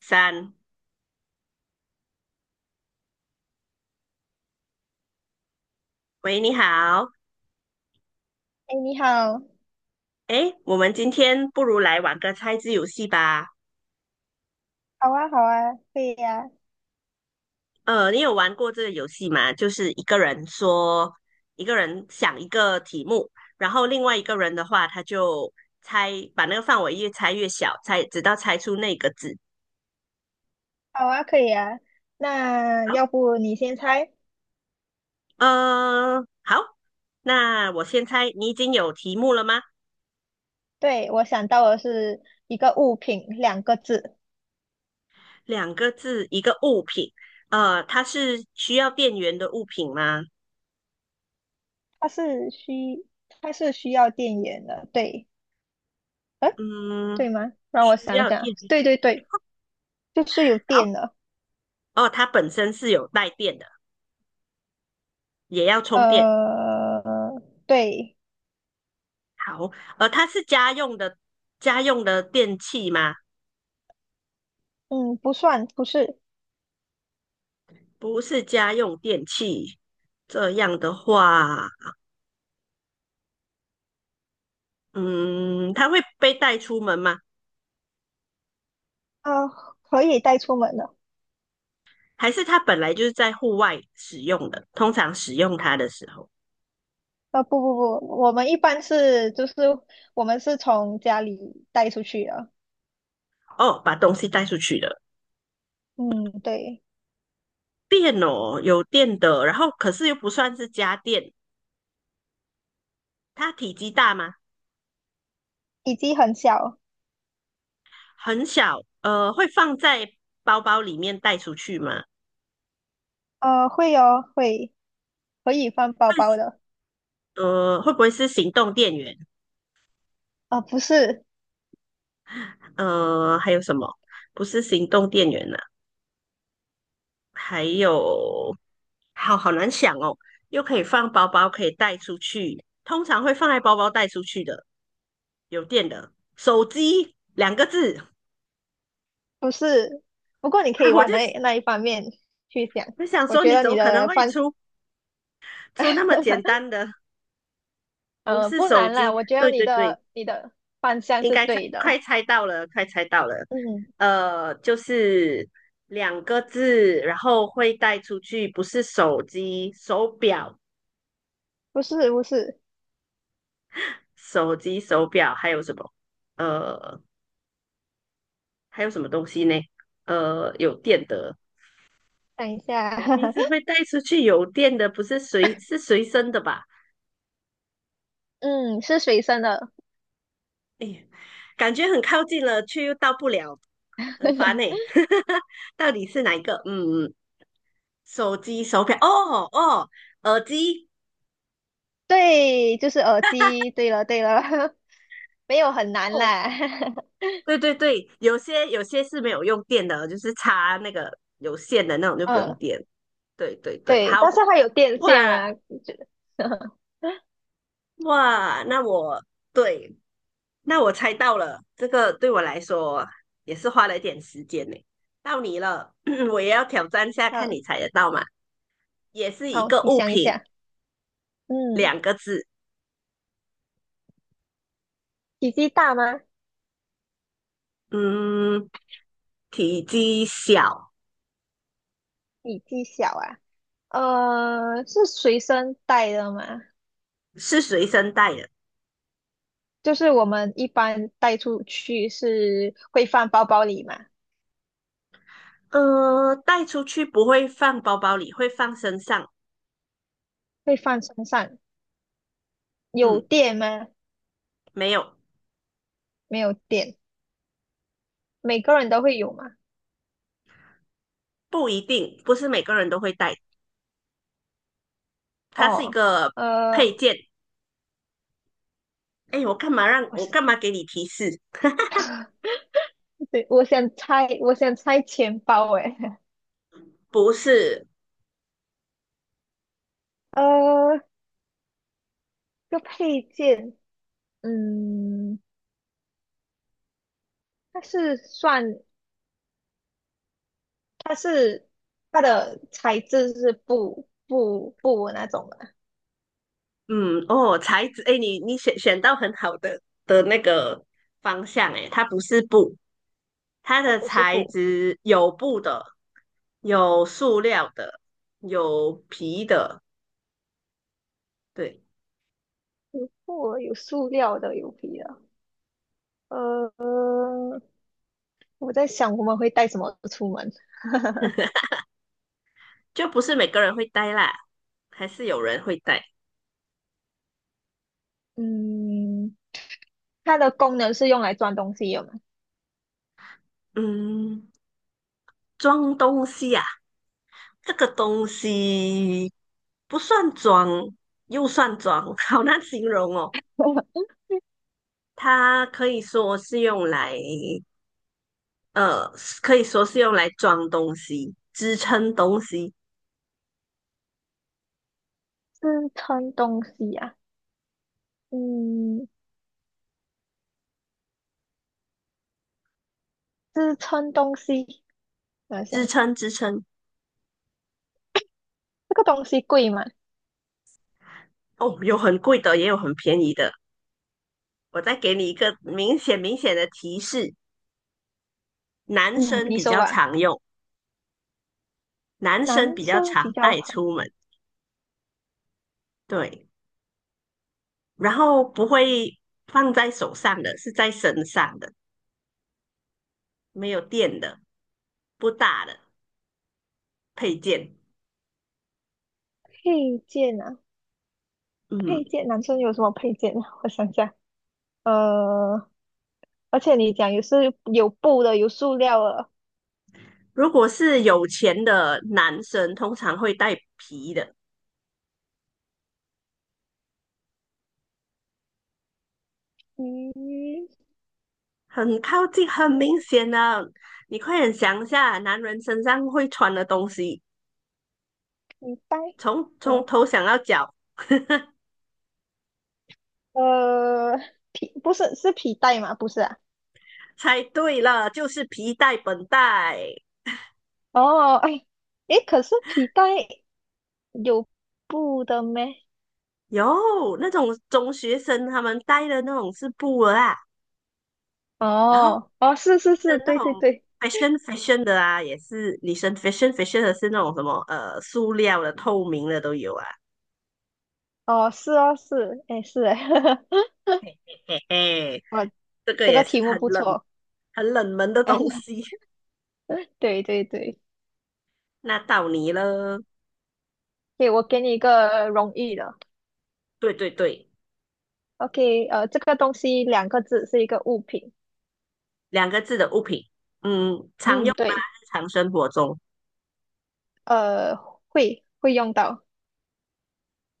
三，喂，你好，哎，你好。诶，我们今天不如来玩个猜字游戏吧。好啊，好啊，可以呀。你有玩过这个游戏吗？就是一个人说，一个人想一个题目，然后另外一个人的话，他就猜，把那个范围越猜越小，猜，直到猜出那个字。好啊，可以呀。那好，要不你先猜？好，那我先猜，你已经有题目了吗？对，我想到的是一个物品，两个字。两个字，一个物品，它是需要电源的物品吗？它是需，它是需要电源的，对。呃，嗯，对吗？让我需想一要想。电源。对对对，就是有好。电的。哦，它本身是有带电的，也要充电。对。好，它是家用的电器吗？嗯，不算，不是。不是家用电器。这样的话，嗯，它会被带出门吗？呃，可以带出门的。还是它本来就是在户外使用的？通常使用它的时候，不不不，我们一般是我们是从家里带出去的。哦，把东西带出去了。嗯，对。电哦，有电的，然后可是又不算是家电。它体积大吗？体积很小。很小，会放在包包里面带出去吗？会哦，会可以放包包的。会不会是行动电源？啊，不是还有什么？不是行动电源呢、还有，好好难想哦。又可以放包包，可以带出去，通常会放在包包带出去的，有电的手机两个字。不是。不过你可以啊，往那一方面去想。我想我说，觉你得怎你么可能的会方，出那么简 单的？不是不手难啦。机，我觉得对你对对，的你的方向应是该猜，对快的。猜到了，快猜到了。嗯，就是两个字，然后会带出去，不是手机、手表、不是不是。手机、手表，还有什么？呃，还有什么东西呢？有电的，等一下。我平时 会带出去有电的，不是随是随身的吧？嗯，是随身的。哎呀，感觉很靠近了，却又到不了，很烦呢、到底是哪一个？嗯嗯，手机、手表，哦哦，耳机。对，就是耳机。对了对了。没有很难哦啦。对对对，有些有些是没有用电的哦，就是插那个有线的那种就不用嗯，电。对对对，对，好但是它有电线哇嘛，就 哇，对，那我猜到了，这个对我来说也是花了一点时间呢。到你了，我也要挑战一下，看好。你猜得到吗？也是一好，个你物想一品，下。嗯，两个字，体积大吗？嗯，体积小，体积小啊？是随身带的吗？是随身带的，就是我们一般带出去是会放包包里吗？带出去不会放包包里，会放身上，会放身上？有嗯，电吗？没有。没有电。每个人都会有吗？不一定，不是每个人都会戴，它是一哦。个配呃，件。哎，我我想。干嘛给你提示？对，我想猜钱包，诶。不是，呃，这个配件，嗯，它是算。它是它的材质是布那种的。嗯，哦，材质，哎，你选到很好的那个方向，哎，它不是布，它它的不是材布。质有布的，有塑料的，有皮的，对，布有塑料的，有皮的。呃，我在想我们会带什么出门？就不是每个人会戴啦，还是有人会戴。嗯，它的功能是用来装东西的吗？嗯，装东西啊，这个东西不算装，又算装，好难形容哦。它可以说是用来，呃，可以说是用来装东西、支撑东西、支撑东西啊。嗯，支撑东西。我想支想。撑支撑。这个东西贵吗？哦，有很贵的，也有很便宜的。我再给你一个明显的提示：男嗯，生你比说较吧。常用，男男生比较生常比较带常出门，对，然后不会放在手上的，是在身上的。没有电的，不大的配件。配件啊。配嗯，件，男生有什么配件啊？我想想。呃，而且你讲也是有布的，有塑料的。如果是有钱的男生，通常会带皮的，嗯很靠近，很明嗯，显啊！你快点想一下，男人身上会穿的东西，皮带是从吗？头想到脚。呃，皮带吗？不是啊。猜对了，就是皮带、本带。哦，哎，诶，可是皮带有布的咩？有那种中学生他们带的那种是布啊。然后哦哦，是女是生是，那对对种 对。fashion fashion 的啊，也是女生 fashion fashion 的是那种什么塑料的、透明的都有啊。哦是哦是，哎是诶。嘿嘿，哦这个这也个是题目不错。很冷门的东西。对对对。那到你了，给我给你一个容易的对对对，，OK。这个东西两个字是一个物品。两个字的物品，嗯，常嗯用吗？对。日常生活中呃，会会用到。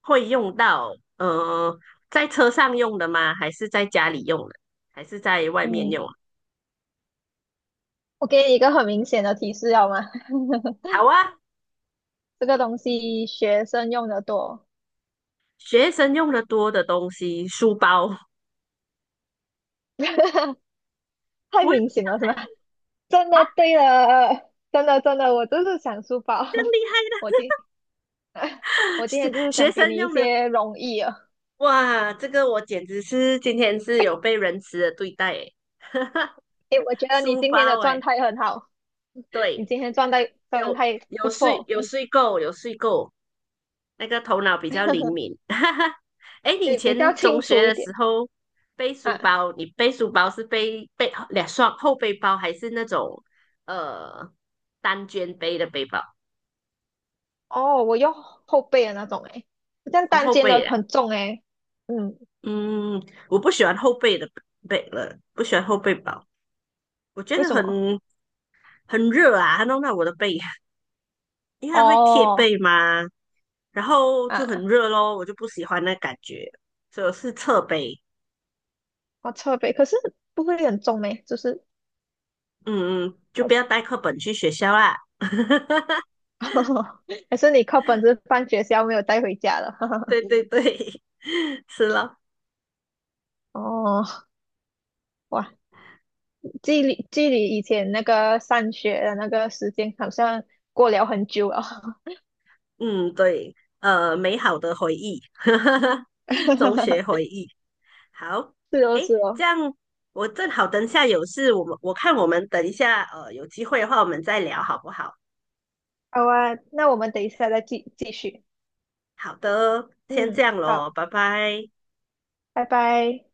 会用到，在车上用的吗？还是在家里用的？还是在外面用嗯，啊？我给你一个很明显的提示，好吗？好啊，这个东西学生用的多。学生用的多的东西，书包，太不会明显了，是吧？真的，对了，真的真的，我就是想书包。这样厉害。我的。今 我今 天就是想学给生你一用的，些容易啊。哇，这个我简直是今天是有被仁慈的对待诶，诶，我觉得你书今天的包状诶，态很好。你对，今天状态状有态不错。嗯，有睡够，那个头脑比较灵敏。诶，你以对，比较前清中楚学一的时点候背书啊。包，你背书包是背两双后背包，还是那种呃单肩背的背包？哦，我用后背的那种，诶，这样哦，单后肩背的的，很重，诶。嗯，嗯，我不喜欢后背的，不喜欢后背包，我觉为得什么？很热啊，它弄到我的背，因为它会贴哦，背嘛，然后就很啊，热咯，我就不喜欢那感觉，所以我是侧背，好特别。可是不会很重呢，就是嗯嗯，就好。不要带课本去学校啦。还是你靠本是放学校没有带回家了？对对对，是咯，哦，哇，距离以前那个上学的那个时间好像过了很久了。嗯对，美好的回忆，中学回 忆，好，是哦诶，是哦。这样我正好等一下有事，我看我们等一下，有机会的话我们再聊好不好？好啊，那我们等一下再继续，好的，先这嗯，样咯，好，拜拜。拜拜。